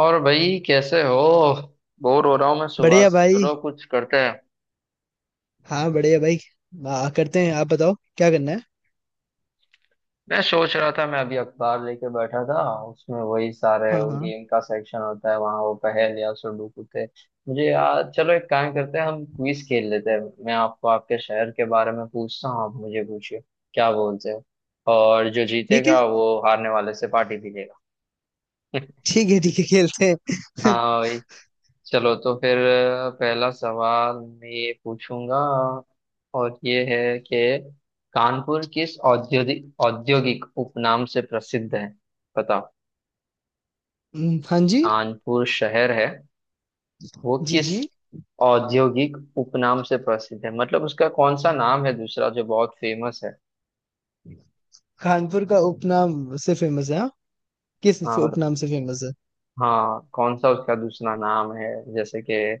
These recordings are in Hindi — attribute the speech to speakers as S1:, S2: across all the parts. S1: और भाई कैसे हो। बोर हो रहा हूँ मैं सुबह
S2: बढ़िया
S1: से।
S2: भाई।
S1: चलो कुछ करते हैं।
S2: हाँ बढ़िया भाई। करते हैं, आप बताओ क्या करना है।
S1: मैं सोच रहा था, मैं अभी अखबार लेके बैठा था। उसमें वही सारे
S2: हाँ
S1: वो
S2: हाँ।
S1: गेम का सेक्शन होता है, वहाँ वो पहेलियाँ सुडोकू थे। मुझे याद, चलो एक काम करते हैं, हम क्विज खेल लेते हैं। मैं आपको आपके शहर के बारे में पूछता हूँ, आप मुझे पूछिए। क्या बोलते हो। और जो
S2: ठीक है,
S1: जीतेगा वो हारने वाले से पार्टी भी लेगा।
S2: ठीक है, ठीक है, खेलते हैं।
S1: हाँ। चलो तो फिर पहला सवाल मैं ये पूछूंगा, और ये है कि कानपुर किस औद्योगिक औद्योगिक उपनाम से प्रसिद्ध है। बताओ।
S2: हाँ, जी।
S1: कानपुर शहर है, वो
S2: जी
S1: किस
S2: जी।
S1: औद्योगिक उपनाम से प्रसिद्ध है, मतलब उसका कौन सा नाम है दूसरा जो बहुत फेमस है।
S2: कानपुर का उपनाम से फेमस है, हाँ। किस
S1: हाँ मतलब,
S2: उपनाम से फेमस है?
S1: हाँ कौन सा उसका दूसरा नाम है, जैसे कि अ,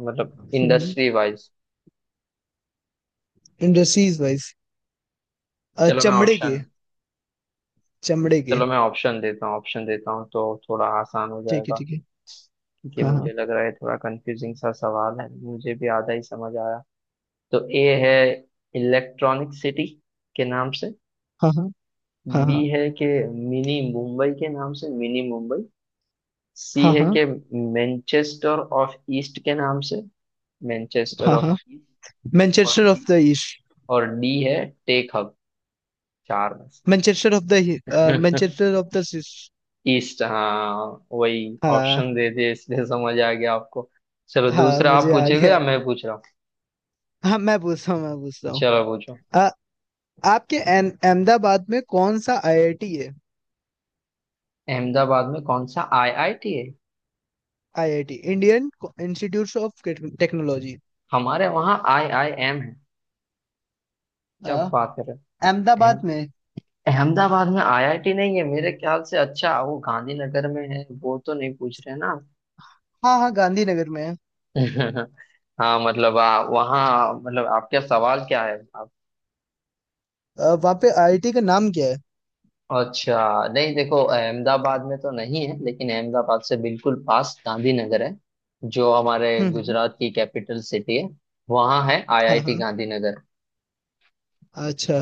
S1: मतलब इंडस्ट्री वाइज।
S2: Industries wise.
S1: चलो मैं
S2: चमड़े के,
S1: ऑप्शन
S2: चमड़े के।
S1: चलो मैं ऑप्शन देता हूँ तो थोड़ा आसान हो
S2: ठीक है,
S1: जाएगा।
S2: ठीक है।
S1: ये
S2: हाँ
S1: मुझे
S2: हाँ
S1: लग रहा है थोड़ा कंफ्यूजिंग सा सवाल है, मुझे भी आधा ही समझ आया। तो ए है इलेक्ट्रॉनिक सिटी के नाम से।
S2: हाँ
S1: बी
S2: हाँ
S1: है कि मिनी मुंबई के नाम से, मिनी मुंबई। सी
S2: हाँ
S1: है
S2: हाँ हाँ हाँ
S1: कि मैनचेस्टर ऑफ ईस्ट के नाम से, मैनचेस्टर
S2: हाँ
S1: ऑफ
S2: हाँ।
S1: ईस्ट। और
S2: Manchester of
S1: D,
S2: the east.
S1: और डी है टेक हब। चार में से।
S2: Manchester of the. Manchester of the.
S1: East हाँ। वही
S2: हाँ
S1: ऑप्शन दे दिए इसलिए समझ आ गया आपको। चलो
S2: हाँ,
S1: दूसरा आप
S2: मुझे आ
S1: पूछेगा
S2: गया।
S1: या मैं पूछ रहा हूँ।
S2: हाँ, मैं पूछता हूँ, मैं पूछता हूँ।
S1: चलो पूछो।
S2: आपके अहमदाबाद में कौन सा आईआईटी है?
S1: अहमदाबाद में कौन सा आईआईटी है।
S2: IIT, Indian Institute of Technology.
S1: हमारे वहाँ आईआईएम है, क्या बात कर रहे हो।
S2: अहमदाबाद में।
S1: अहम- अहमदाबाद में आईआईटी नहीं है मेरे ख्याल से। अच्छा वो गांधीनगर में है, वो तो नहीं पूछ रहे ना।
S2: हाँ हाँ, गांधीनगर में है।
S1: हाँ मतलब वहाँ, मतलब आपका सवाल क्या है आप।
S2: वहाँ पे आईआईटी का नाम क्या है?
S1: अच्छा नहीं देखो, अहमदाबाद में तो नहीं है लेकिन अहमदाबाद से बिल्कुल पास गांधीनगर है, जो हमारे
S2: हम्म हम्म,
S1: गुजरात की कैपिटल सिटी है। वहाँ है
S2: हाँ
S1: आईआईटी
S2: हाँ।
S1: गांधीनगर।
S2: अच्छा।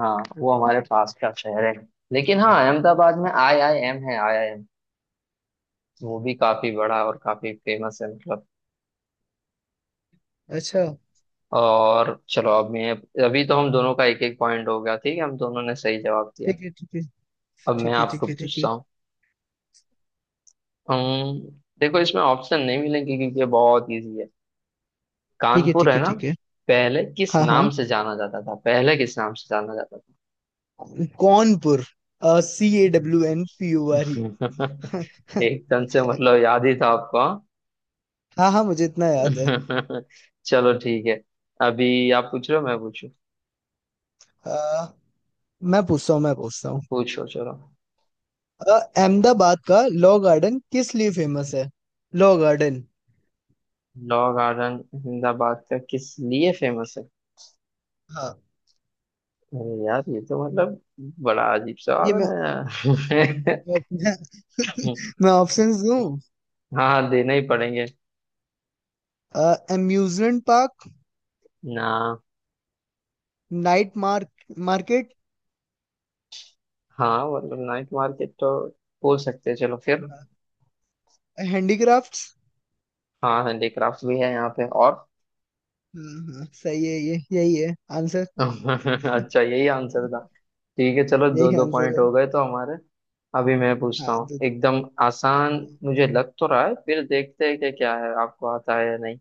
S1: हाँ वो हमारे पास का शहर है। लेकिन हाँ, अहमदाबाद में आई आई एम है, आई आई एम। वो भी काफी बड़ा और काफी फेमस है मतलब।
S2: अच्छा।
S1: और चलो अब मैं, अभी तो हम दोनों का एक एक पॉइंट हो गया, ठीक है, हम दोनों ने सही जवाब दिया।
S2: ठीक है, ठीक है,
S1: अब मैं
S2: ठीक है,
S1: आपको
S2: ठीक है, ठीक है,
S1: पूछता हूँ। अम्म, देखो इसमें ऑप्शन नहीं मिलेंगे क्योंकि ये बहुत इजी है।
S2: ठीक है,
S1: कानपुर
S2: ठीक
S1: है
S2: है,
S1: ना,
S2: ठीक है।
S1: पहले किस
S2: हाँ हाँ।
S1: नाम से जाना जाता था, पहले किस नाम से जाना जाता
S2: कौनपुर। C A W N P U R E.
S1: था। एकदम से मतलब याद ही था आपको हाँ।
S2: हाँ हाँ, मुझे इतना याद है।
S1: चलो ठीक है। अभी आप पूछ रहे हो मैं पूछू।
S2: अ, मैं पूछता हूँ, मैं पूछता हूँ।
S1: पूछो चलो।
S2: अहमदाबाद का लॉ गार्डन किस लिए फेमस है? Law garden.
S1: Law garden Ahmedabad का किस लिए फेमस है।
S2: हाँ,
S1: अरे यार ये तो मतलब बड़ा अजीब
S2: ये
S1: सवाल है।
S2: मैं, मैं ऑप्शंस दूं?
S1: हाँ देना ही पड़ेंगे
S2: अम्यूजमेंट पार्क।
S1: ना।
S2: Night market.
S1: हाँ मतलब नाइट मार्केट तो बोल सकते हैं, चलो फिर।
S2: हैंडीक्राफ्ट्स।
S1: हाँ हैंडीक्राफ्ट भी है यहाँ पे और।
S2: हाँ हाँ, सही है ये, यही है आंसर।
S1: अच्छा यही आंसर था। ठीक है चलो दो
S2: यही
S1: दो
S2: आंसर
S1: पॉइंट
S2: है।
S1: हो गए तो हमारे। अभी मैं पूछता
S2: हाँ,
S1: हूँ
S2: दो दो बार।
S1: एकदम आसान, मुझे लग तो रहा है, फिर देखते हैं कि क्या है, आपको आता है या नहीं।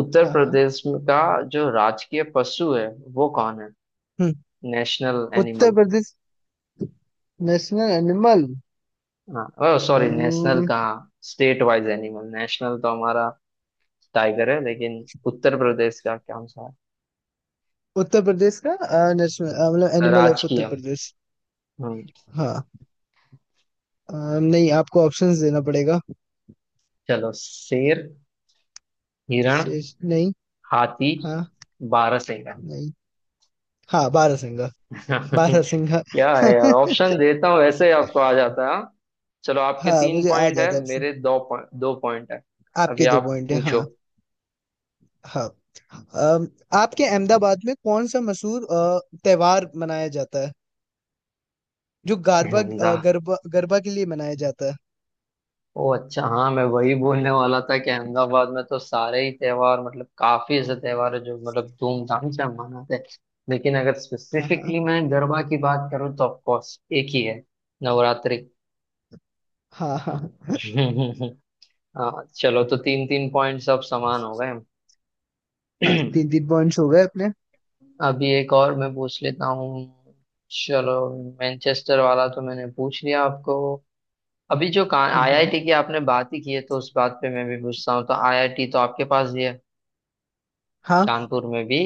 S2: हाँ हाँ।
S1: का जो राजकीय पशु है वो कौन है,
S2: हम्म,
S1: national animal.
S2: Uttar Pradesh, national animal.
S1: हाँ ओह सॉरी नेशनल
S2: हम्म,
S1: कहाँ, स्टेट वाइज एनिमल, नेशनल तो हमारा टाइगर है, लेकिन उत्तर प्रदेश का कौन सा
S2: उत्तर प्रदेश का नेशनल, मतलब
S1: है
S2: एनिमल ऑफ
S1: राजकीय।
S2: उत्तर प्रदेश।
S1: हम्म।
S2: हाँ। अ, नहीं, आपको ऑप्शंस देना पड़ेगा।
S1: चलो, शेर, हिरण,
S2: शेष नहीं।
S1: हाथी,
S2: हाँ।
S1: बारहसिंगा।
S2: नहीं। हाँ, बारह सिंगा। बारह सिंगा।
S1: क्या है यार, ऑप्शन देता हूँ वैसे ही आपको आ जाता है हाँ? चलो आपके
S2: हाँ,
S1: तीन
S2: मुझे आ
S1: पॉइंट है,
S2: जाता अब से।
S1: मेरे दो पॉइंट है। अभी
S2: आपके दो
S1: आप
S2: पॉइंट है,
S1: पूछो।
S2: हाँ। हाँ। अम, आपके अहमदाबाद में कौन सा मशहूर त्योहार मनाया जाता है, जो गरबा
S1: अहमदा
S2: अ, गरबा गरबा के लिए मनाया जाता है?
S1: ओ अच्छा हाँ, मैं वही बोलने वाला था कि अहमदाबाद में तो सारे ही त्योहार, मतलब काफी ऐसे त्योहार है जो मतलब धूमधाम से हम मनाते हैं। लेकिन अगर
S2: हाँ हाँ
S1: स्पेसिफिकली मैं गरबा की बात करूँ तो ऑफकोर्स एक ही है, नवरात्रि।
S2: हाँ हाँ।
S1: हाँ चलो तो तीन तीन पॉइंट्स अब समान हो गए।
S2: हाँ, तीन तीन पॉइंट्स हो गए अपने।
S1: अभी एक और मैं पूछ लेता हूँ। चलो, मैनचेस्टर वाला तो मैंने पूछ लिया आपको। अभी जो
S2: हम्म, हम्म,
S1: आईआईटी की आपने बात ही की है, तो उस बात पे मैं भी पूछता हूँ, तो आईआईटी तो आपके पास ही है
S2: हाँ
S1: कानपुर में भी।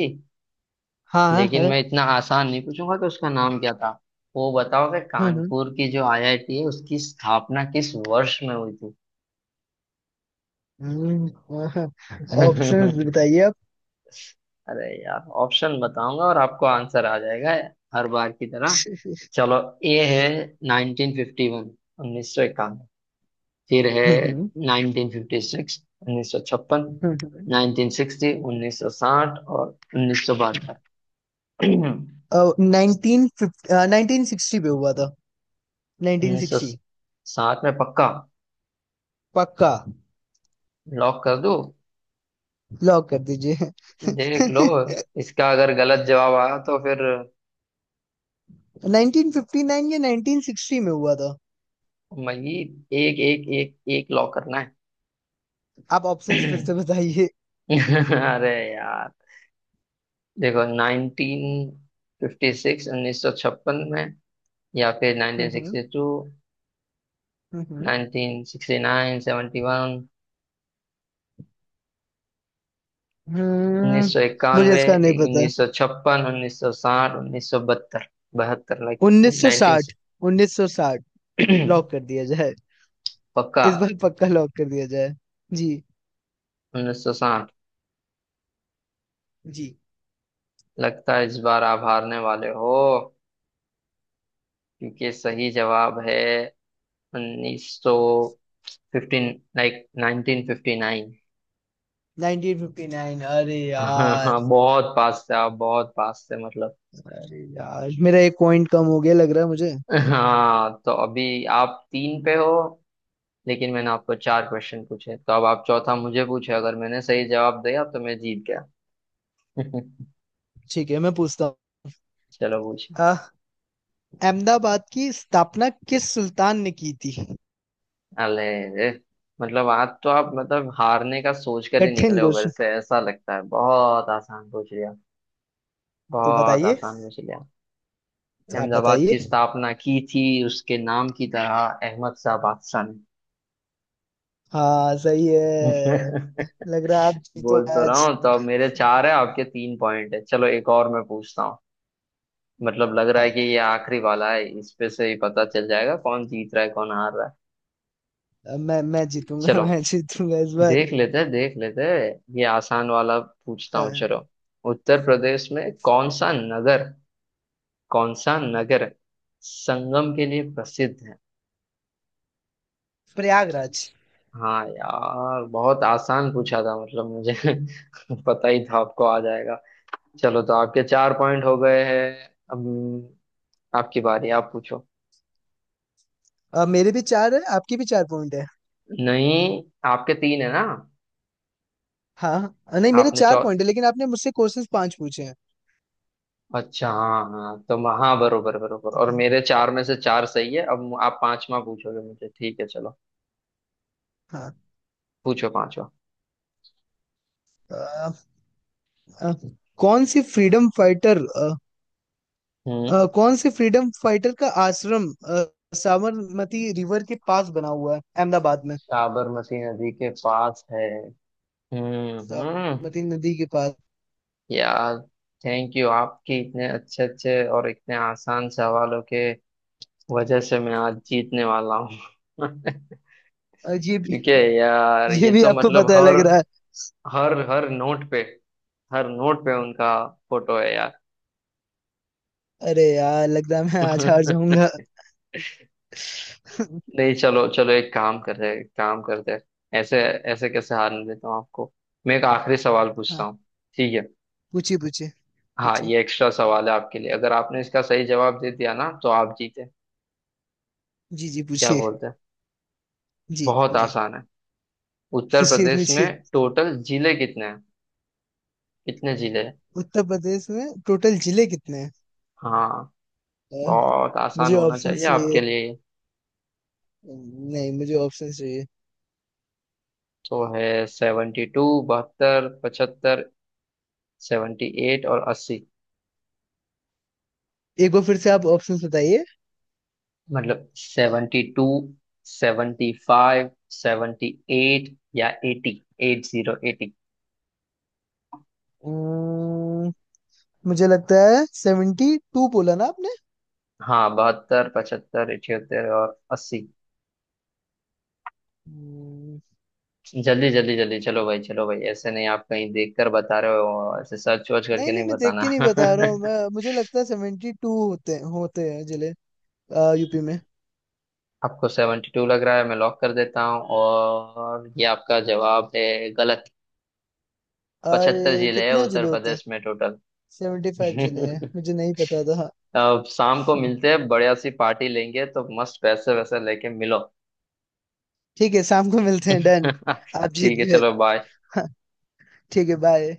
S2: हाँ। हाँ है।
S1: लेकिन मैं इतना आसान नहीं पूछूंगा कि उसका नाम क्या था, वो बताओ कि
S2: हम्म
S1: कानपुर की जो आईआईटी है उसकी स्थापना किस वर्ष में हुई
S2: हम्म हम्म, ऑप्शंस
S1: थी।
S2: बताइए आप।
S1: अरे यार ऑप्शन बताऊंगा और आपको आंसर आ जाएगा हर बार की तरह। चलो, ए है 1951, 1951। फिर है
S2: हम्म
S1: 1956, 1956, 1960, 1960 और 1972।
S2: नाइनटीन 1950, 1960 पे हुआ था। 1960
S1: 1960 में पक्का,
S2: पक्का।
S1: लॉक कर दूं।
S2: लॉक कर दीजिए।
S1: देख लो, इसका अगर गलत जवाब आया तो फिर
S2: 1959 या 1960 में हुआ था।
S1: मजीद एक एक एक एक लॉक करना है।
S2: आप ऑप्शंस फिर से बताइए।
S1: अरे यार। देखो, 1956, 1956 में, या फिर नाइनटीन
S2: हम्म
S1: सिक्सटी टू
S2: हम्म,
S1: 1969, 71, उन्नीस
S2: हम्म,
S1: सौ
S2: मुझे
S1: इक्यानवे
S2: इसका नहीं पता।
S1: 1956, 1960, 1972, 72 लाइक नाइनटीन
S2: 1960, 1960 लॉक कर दिया जाए।
S1: पक्का,
S2: इस बार पक्का लॉक कर दिया जाए। जी
S1: 1960।
S2: जी।
S1: लगता है इस बार आप हारने वाले हो, क्योंकि सही जवाब है 1915 लाइक 1959।
S2: 1959, अरे
S1: हाँ हाँ
S2: यार।
S1: बहुत पास थे आप, बहुत पास थे मतलब।
S2: अरे यार, मेरा एक पॉइंट कम हो गया लग रहा है मुझे।
S1: हाँ तो अभी आप तीन पे हो, लेकिन मैंने आपको चार क्वेश्चन पूछे, तो अब आप चौथा मुझे पूछे, अगर मैंने सही जवाब दिया तो मैं जीत गया।
S2: ठीक है, मैं पूछता हूँ।
S1: चलो पूछे।
S2: अह, अहमदाबाद की स्थापना किस सुल्तान ने की थी?
S1: अले रे, मतलब आज तो आप मतलब हारने का सोच कर ही
S2: कठिन
S1: निकले हो घर
S2: क्वेश्चन।
S1: से ऐसा लगता है, बहुत आसान पूछ लिया,
S2: तो
S1: बहुत
S2: बताइए।
S1: आसान पूछ लिया।
S2: तो आप
S1: अहमदाबाद
S2: बताइए।
S1: की स्थापना की थी उसके नाम की तरह, अहमद शाह बादशाह ने।
S2: हाँ, सही है। लग रहा है आप जीतो
S1: बोल तो रहा
S2: आज।
S1: हूँ, तो अब मेरे चार है आपके तीन पॉइंट है, चलो एक और मैं पूछता हूँ। मतलब लग रहा है
S2: हाँ,
S1: कि ये आखिरी वाला है, इस पे से ही पता चल जाएगा कौन जीत रहा है कौन हार रहा है।
S2: अब मैं जीतूंगा।
S1: चलो
S2: मैं जीतूंगा इस बार।
S1: देख लेते हैं देख लेते हैं, ये आसान वाला पूछता हूँ
S2: हाँ।
S1: चलो। उत्तर प्रदेश में कौन सा नगर, कौन सा नगर संगम के लिए प्रसिद्ध है।
S2: प्रयागराज।
S1: हाँ यार बहुत आसान पूछा था मतलब मुझे, पता ही था आपको आ जाएगा। चलो तो आपके चार पॉइंट हो गए हैं, अब आपकी बारी, आप पूछो।
S2: मेरे भी चार है, आपके भी चार पॉइंट है।
S1: नहीं आपके तीन है ना।
S2: हाँ। नहीं, मेरे
S1: आपने
S2: चार
S1: चौ
S2: पॉइंट है, लेकिन आपने मुझसे क्वेश्चंस पांच पूछे हैं।
S1: अच्छा हाँ हाँ तो हाँ बरोबर बरोबर, और
S2: हम्म,
S1: मेरे चार में से चार सही है। अब आप पांचवा पूछोगे मुझे, ठीक है चलो।
S2: हाँ।
S1: पूछो पांचवा।
S2: अ, अ, कौन सी फ्रीडम फाइटर
S1: हम्म।
S2: कौन से फ्रीडम फाइटर का आश्रम साबरमती रिवर के पास बना हुआ है अहमदाबाद में?
S1: साबरमती नदी के पास है। हम्म हम्म,
S2: साबरमती नदी के पास।
S1: यार थैंक यू, आपके इतने अच्छे अच्छे और इतने आसान सवालों के वजह से मैं आज जीतने वाला हूँ।
S2: और ये भी।
S1: क्योंकि यार
S2: ये
S1: ये
S2: भी
S1: तो
S2: आपको
S1: मतलब
S2: पता,
S1: हर
S2: लग रहा है।
S1: हर हर नोट पे, हर नोट पे उनका फोटो है
S2: अरे यार, लग रहा है मैं आज हार
S1: यार।
S2: जाऊंगा।
S1: नहीं चलो चलो, एक काम करते हैं, एक काम करते हैं, ऐसे ऐसे कैसे हारने देता हूँ आपको, मैं एक आखिरी सवाल पूछता
S2: हाँ,
S1: हूँ। ठीक है।
S2: पूछिए पूछिए।
S1: हाँ
S2: पूछिए।
S1: ये एक्स्ट्रा सवाल है आपके लिए, अगर आपने इसका सही जवाब दे दिया ना तो आप जीते।
S2: जी। जी।
S1: क्या
S2: पूछिए
S1: बोलते हैं,
S2: जी
S1: बहुत
S2: जी
S1: आसान है। उत्तर
S2: पूछिए
S1: प्रदेश
S2: पूछिए।
S1: में टोटल जिले कितने हैं, कितने जिले हैं।
S2: उत्तर प्रदेश में टोटल जिले कितने हैं?
S1: हाँ
S2: अ,
S1: बहुत आसान
S2: मुझे
S1: होना
S2: ऑप्शन
S1: चाहिए
S2: चाहिए।
S1: आपके लिए।
S2: नहीं, मुझे ऑप्शन चाहिए।
S1: तो है 72 72, 75, 78 और 80।
S2: एक बार फिर से आप ऑप्शन बताइए।
S1: मतलब 72, 75, 78, या 80, 80।
S2: अम्म, मुझे लगता है 72, बोला ना आपने?
S1: हाँ 72, पचहत्तर, 78 और 80।
S2: हम्म,
S1: जल्दी जल्दी जल्दी चलो भाई चलो भाई, ऐसे नहीं, आप कहीं देखकर बता रहे हो, ऐसे सर्च वर्च करके
S2: नहीं नहीं,
S1: नहीं
S2: मैं देख के
S1: बताना।
S2: नहीं बता रहा हूँ। मैं मुझे लगता है 72 होते होते हैं जिले, यूपी में।
S1: आपको 72 लग रहा है, मैं लॉक कर देता हूँ, और ये आपका जवाब है गलत। 75
S2: अरे
S1: जिले हैं
S2: कितने
S1: उत्तर
S2: जिले होते हैं?
S1: प्रदेश में टोटल।
S2: 75 जिले हैं, मुझे नहीं पता था।
S1: अब शाम को मिलते हैं, बढ़िया सी पार्टी लेंगे, तो मस्त पैसे वैसे लेके मिलो।
S2: ठीक है, शाम को मिलते हैं, डन। आप जीत
S1: ठीक है
S2: गए।
S1: चलो बाय।
S2: ठीक है, बाय।